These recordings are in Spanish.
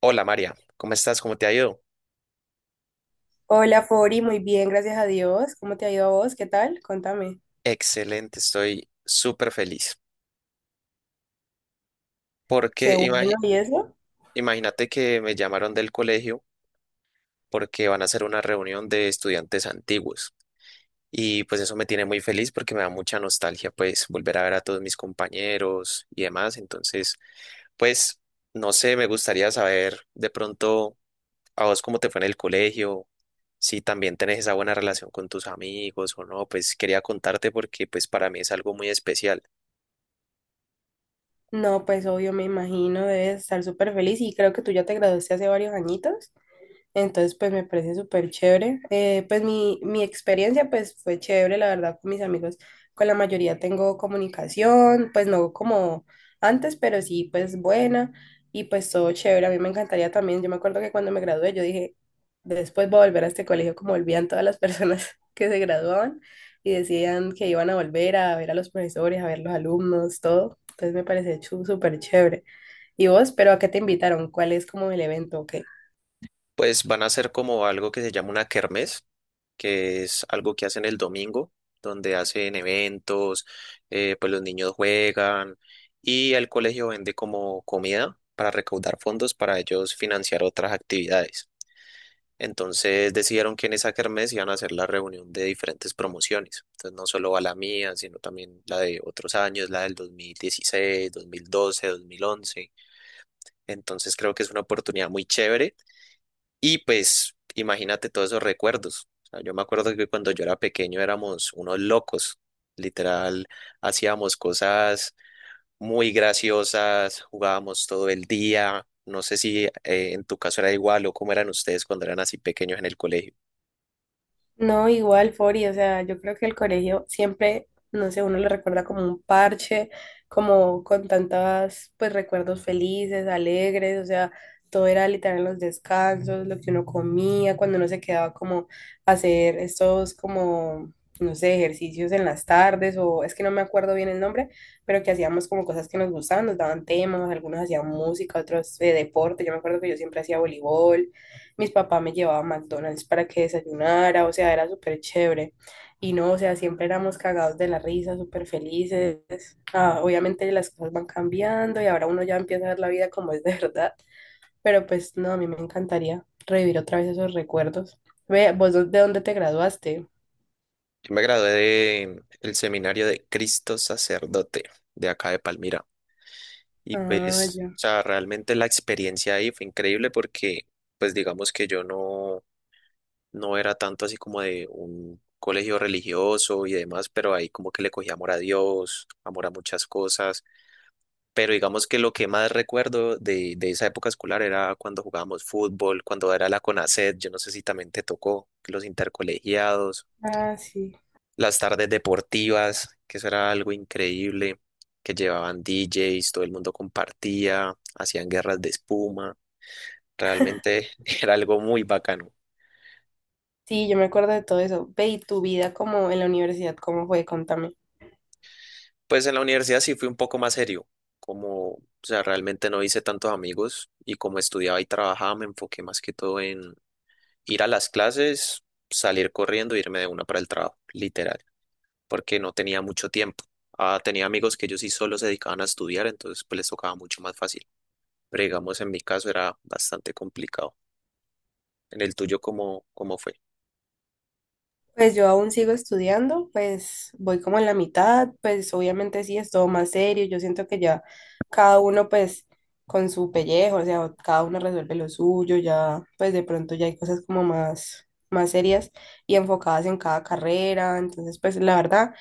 Hola María, ¿cómo estás? ¿Cómo te ha ido? Hola, Fori, muy bien, gracias a Dios. ¿Cómo te ha ido a vos? ¿Qué tal? Contame. Excelente, estoy súper feliz. Porque Qué bueno, imagi- ¿y eso? Imagínate que me llamaron del colegio porque van a hacer una reunión de estudiantes antiguos. Y pues eso me tiene muy feliz porque me da mucha nostalgia, pues volver a ver a todos mis compañeros y demás. Entonces, pues no sé, me gustaría saber de pronto a vos cómo te fue en el colegio, si también tenés esa buena relación con tus amigos o no. Pues quería contarte porque pues para mí es algo muy especial. No, pues obvio, me imagino, debes estar súper feliz y creo que tú ya te graduaste hace varios añitos. Entonces, pues me parece súper chévere. Pues mi experiencia pues fue chévere, la verdad, con mis amigos. Con la mayoría tengo comunicación, pues no como antes, pero sí pues buena y pues todo chévere. A mí me encantaría también, yo me acuerdo que cuando me gradué yo dije, después voy a volver a este colegio como volvían todas las personas que se graduaban y decían que iban a volver a ver a los profesores, a ver los alumnos, todo. Entonces me parece súper chévere. ¿Y vos, pero a qué te invitaron? ¿Cuál es como el evento? ¿O qué? Pues van a ser como algo que se llama una kermés, que es algo que hacen el domingo, donde hacen eventos, pues los niños juegan y el colegio vende como comida para recaudar fondos para ellos financiar otras actividades. Entonces decidieron que en esa kermés iban a hacer la reunión de diferentes promociones. Entonces no solo va la mía, sino también la de otros años, la del 2016, 2012, 2011. Entonces creo que es una oportunidad muy chévere y pues imagínate todos esos recuerdos. O sea, yo me acuerdo que cuando yo era pequeño éramos unos locos. Literal, hacíamos cosas muy graciosas, jugábamos todo el día. No sé si en tu caso era igual o cómo eran ustedes cuando eran así pequeños en el colegio. No, igual, Fori, o sea, yo creo que el colegio siempre, no sé, uno lo recuerda como un parche, como con tantas, pues, recuerdos felices, alegres, o sea, todo era literal en los descansos, lo que uno comía, cuando uno se quedaba como a hacer estos como, no sé, ejercicios en las tardes, o es que no me acuerdo bien el nombre, pero que hacíamos como cosas que nos gustaban, nos daban temas, algunos hacían música, otros deporte, yo me acuerdo que yo siempre hacía voleibol, mis papás me llevaban a McDonald's para que desayunara, o sea, era súper chévere. Y no, o sea, siempre éramos cagados de la risa, súper felices. Ah, obviamente las cosas van cambiando y ahora uno ya empieza a ver la vida como es de verdad, pero pues no, a mí me encantaría revivir otra vez esos recuerdos. Ve, ¿vos de dónde te graduaste? Yo me gradué de el seminario de Cristo Sacerdote de acá de Palmira. Y Ah, pues, ya. o sea, realmente la experiencia ahí fue increíble porque, pues digamos que yo no era tanto así como de un colegio religioso y demás, pero ahí como que le cogí amor a Dios, amor a muchas cosas. Pero digamos que lo que más recuerdo de esa época escolar era cuando jugábamos fútbol, cuando era la CONACET, yo no sé si también te tocó, los intercolegiados, Ah, sí. las tardes deportivas, que eso era algo increíble, que llevaban DJs, todo el mundo compartía, hacían guerras de espuma, realmente era algo muy bacano. Sí, yo me acuerdo de todo eso. Ve, ¿y tu vida como en la universidad, cómo fue? Contame. Pues en la universidad sí fui un poco más serio, como, o sea, realmente no hice tantos amigos y como estudiaba y trabajaba me enfoqué más que todo en ir a las clases, salir corriendo, e irme de una para el trabajo, literal, porque no tenía mucho tiempo. Ah, tenía amigos que ellos sí solo se dedicaban a estudiar, entonces pues les tocaba mucho más fácil, pero digamos en mi caso era bastante complicado. En el tuyo, ¿cómo fue? Pues yo aún sigo estudiando, pues voy como en la mitad, pues obviamente sí es todo más serio, yo siento que ya cada uno pues con su pellejo, o sea, cada uno resuelve lo suyo, ya pues de pronto ya hay cosas como más, más serias y enfocadas en cada carrera, entonces pues la verdad,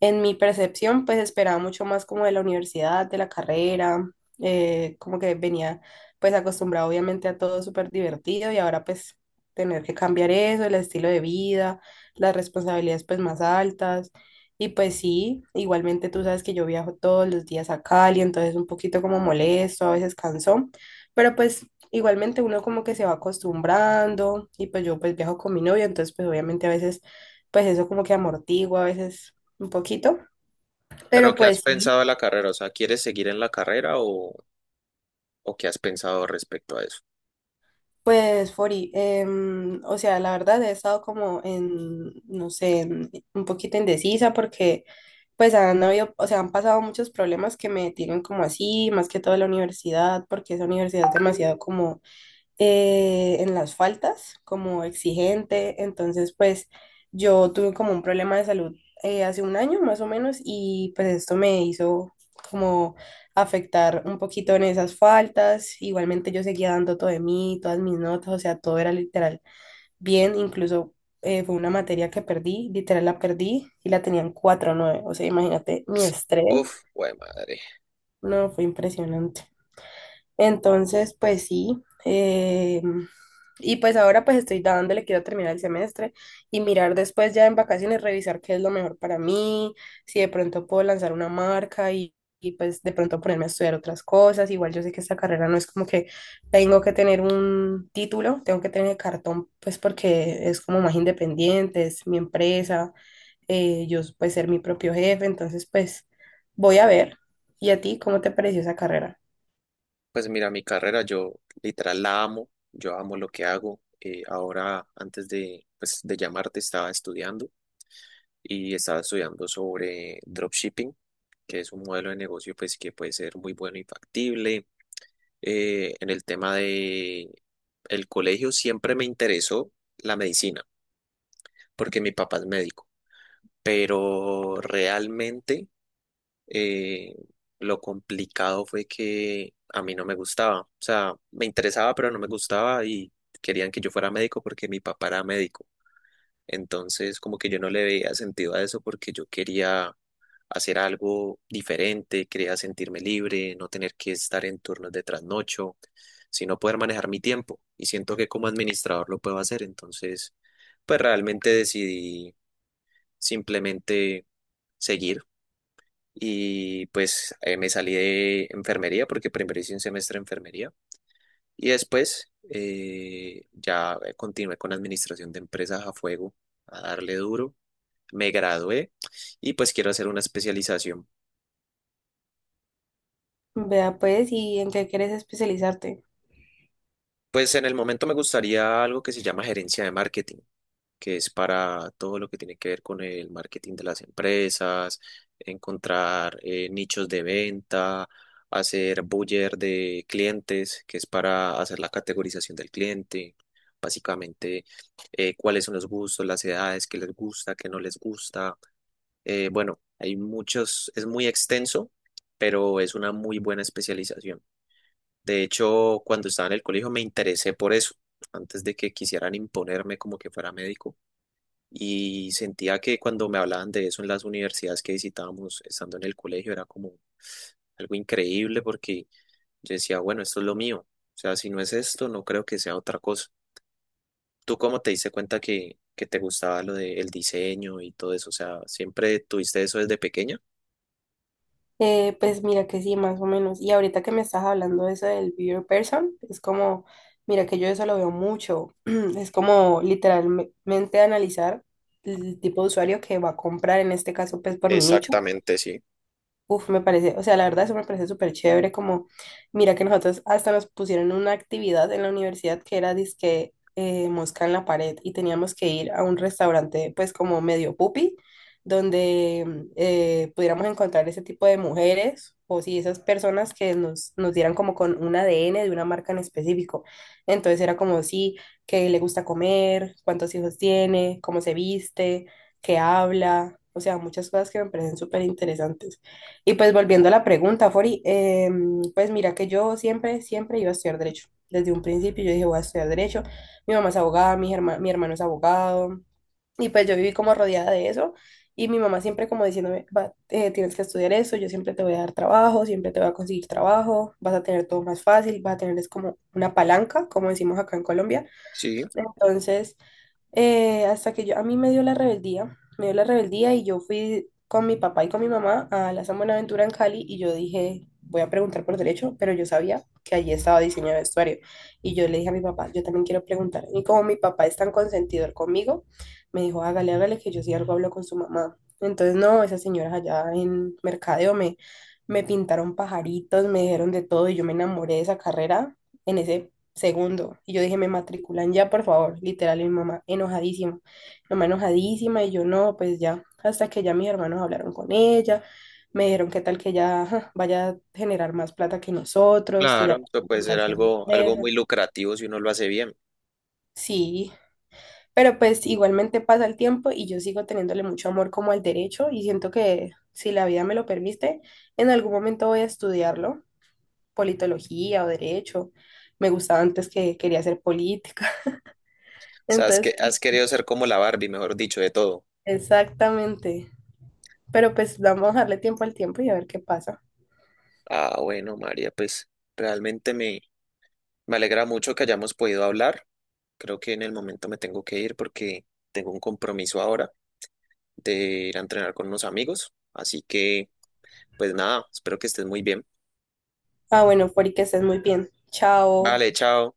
en mi percepción pues esperaba mucho más como de la universidad, de la carrera, como que venía pues acostumbrado obviamente a todo súper divertido y ahora pues tener que cambiar eso, el estilo de vida, las responsabilidades pues más altas. Y pues sí, igualmente tú sabes que yo viajo todos los días a Cali, entonces un poquito como molesto, a veces cansón, pero pues igualmente uno como que se va acostumbrando y pues yo pues viajo con mi novio, entonces pues obviamente a veces pues eso como que amortigua a veces un poquito, Pero pero ¿qué has pues sí. pensado de la carrera? O sea, ¿quieres seguir en la carrera o qué has pensado respecto a eso? Pues, Fori, o sea, la verdad he estado como en, no sé, un poquito indecisa porque pues han habido, o sea, han pasado muchos problemas que me tienen como así, más que todo la universidad, porque esa universidad es demasiado como en las faltas, como exigente. Entonces, pues yo tuve como un problema de salud hace un año más o menos y pues esto me hizo como afectar un poquito en esas faltas. Igualmente yo seguía dando todo de mí, todas mis notas, o sea, todo era literal bien, incluso fue una materia que perdí, literal la perdí y la tenían cuatro nueve, o sea, imagínate mi estrés, Uf, güey, madre. no, fue impresionante. Entonces, pues sí, y pues ahora pues estoy dándole, quiero terminar el semestre y mirar después ya en vacaciones, revisar qué es lo mejor para mí, si de pronto puedo lanzar una marca y, pues de pronto ponerme a estudiar otras cosas. Igual yo sé que esta carrera no es como que tengo que tener un título, tengo que tener el cartón pues porque es como más independiente, es mi empresa, yo pues ser mi propio jefe, entonces pues voy a ver. ¿Y a ti cómo te pareció esa carrera? Pues mira, mi carrera, yo literal la amo, yo amo lo que hago. Ahora, antes de, pues, de llamarte, estaba estudiando y estaba estudiando sobre dropshipping, que es un modelo de negocio pues, que puede ser muy bueno y factible. En el tema de el colegio siempre me interesó la medicina, porque mi papá es médico, pero realmente eh, lo complicado fue que a mí no me gustaba. O sea, me interesaba, pero no me gustaba y querían que yo fuera médico porque mi papá era médico. Entonces, como que yo no le veía sentido a eso porque yo quería hacer algo diferente, quería sentirme libre, no tener que estar en turnos de trasnocho, sino poder manejar mi tiempo. Y siento que como administrador lo puedo hacer. Entonces, pues realmente decidí simplemente seguir y pues me salí de enfermería porque primero hice un semestre de enfermería y después ya continué con administración de empresas a fuego, a darle duro. Me gradué y pues quiero hacer una especialización. Vea pues, ¿y en qué quieres especializarte? Pues en el momento me gustaría algo que se llama gerencia de marketing, que es para todo lo que tiene que ver con el marketing de las empresas, encontrar nichos de venta, hacer buyer de clientes, que es para hacer la categorización del cliente, básicamente cuáles son los gustos, las edades, qué les gusta, qué no les gusta. Bueno, hay muchos, es muy extenso, pero es una muy buena especialización. De hecho, cuando estaba en el colegio me interesé por eso, antes de que quisieran imponerme como que fuera médico y sentía que cuando me hablaban de eso en las universidades que visitábamos, estando en el colegio, era como algo increíble porque yo decía, bueno, esto es lo mío. O sea, si no es esto, no creo que sea otra cosa. ¿Tú cómo te diste cuenta que te gustaba lo del diseño y todo eso? O sea, ¿siempre tuviste eso desde pequeña? Pues mira que sí, más o menos. Y ahorita que me estás hablando de eso del Be Your Person, es como, mira que yo eso lo veo mucho. Es como literalmente analizar el tipo de usuario que va a comprar, en este caso, pues por mi nicho. Exactamente, sí. Uf, me parece, o sea, la verdad eso me parece súper chévere, como, mira que nosotros hasta nos pusieron una actividad en la universidad que era disque mosca en la pared y teníamos que ir a un restaurante pues como medio pupi, donde pudiéramos encontrar ese tipo de mujeres o si esas personas que nos, nos dieran como con un ADN de una marca en específico. Entonces era como, sí, qué le gusta comer, cuántos hijos tiene, cómo se viste, qué habla, o sea, muchas cosas que me parecen súper interesantes. Y pues volviendo a la pregunta, Fori, pues mira que yo siempre, siempre iba a estudiar derecho. Desde un principio yo dije, voy a estudiar derecho. Mi mamá es abogada, mi hermano es abogado. Y pues yo viví como rodeada de eso. Y mi mamá siempre como diciéndome, "Va, tienes que estudiar eso, yo siempre te voy a dar trabajo, siempre te voy a conseguir trabajo, vas a tener todo más fácil, vas a tener es como una palanca, como decimos acá en Colombia." Sí, Entonces hasta que yo, a mí me dio la rebeldía, me dio la rebeldía y yo fui con mi papá y con mi mamá a la San Buenaventura en Cali y yo dije, voy a preguntar por derecho, pero yo sabía que allí estaba diseño de vestuario y yo le dije a mi papá, yo también quiero preguntar. Y como mi papá es tan consentidor conmigo, me dijo, hágale, hágale, que yo sí algo hablo con su mamá. Entonces, no, esas señoras allá en Mercadeo me, me pintaron pajaritos, me dijeron de todo y yo me enamoré de esa carrera en ese segundo. Y yo dije, me matriculan ya, por favor. Literal, y mi mamá enojadísima. Mi mamá enojadísima y yo no, pues ya. Hasta que ya mis hermanos hablaron con ella, me dijeron qué tal que ella ajá, vaya a generar más plata que nosotros, que claro, ya puede eso puede ser montarse en una algo, algo muy empresa. lucrativo si uno lo hace bien. O Sí, pero pues igualmente pasa el tiempo y yo sigo teniéndole mucho amor como al derecho y siento que si la vida me lo permite, en algún momento voy a estudiarlo, politología o derecho. Me gustaba antes que quería hacer política. sea, es que Entonces, has querido ser como la Barbie, mejor dicho, de todo. exactamente. Pero pues vamos a darle tiempo al tiempo y a ver qué pasa. Ah, bueno, María, pues realmente me, me alegra mucho que hayamos podido hablar. Creo que en el momento me tengo que ir porque tengo un compromiso ahora de ir a entrenar con unos amigos. Así que, pues nada, espero que estés muy bien. Ah, bueno, Fori, que estés muy bien. Chao. Vale, chao.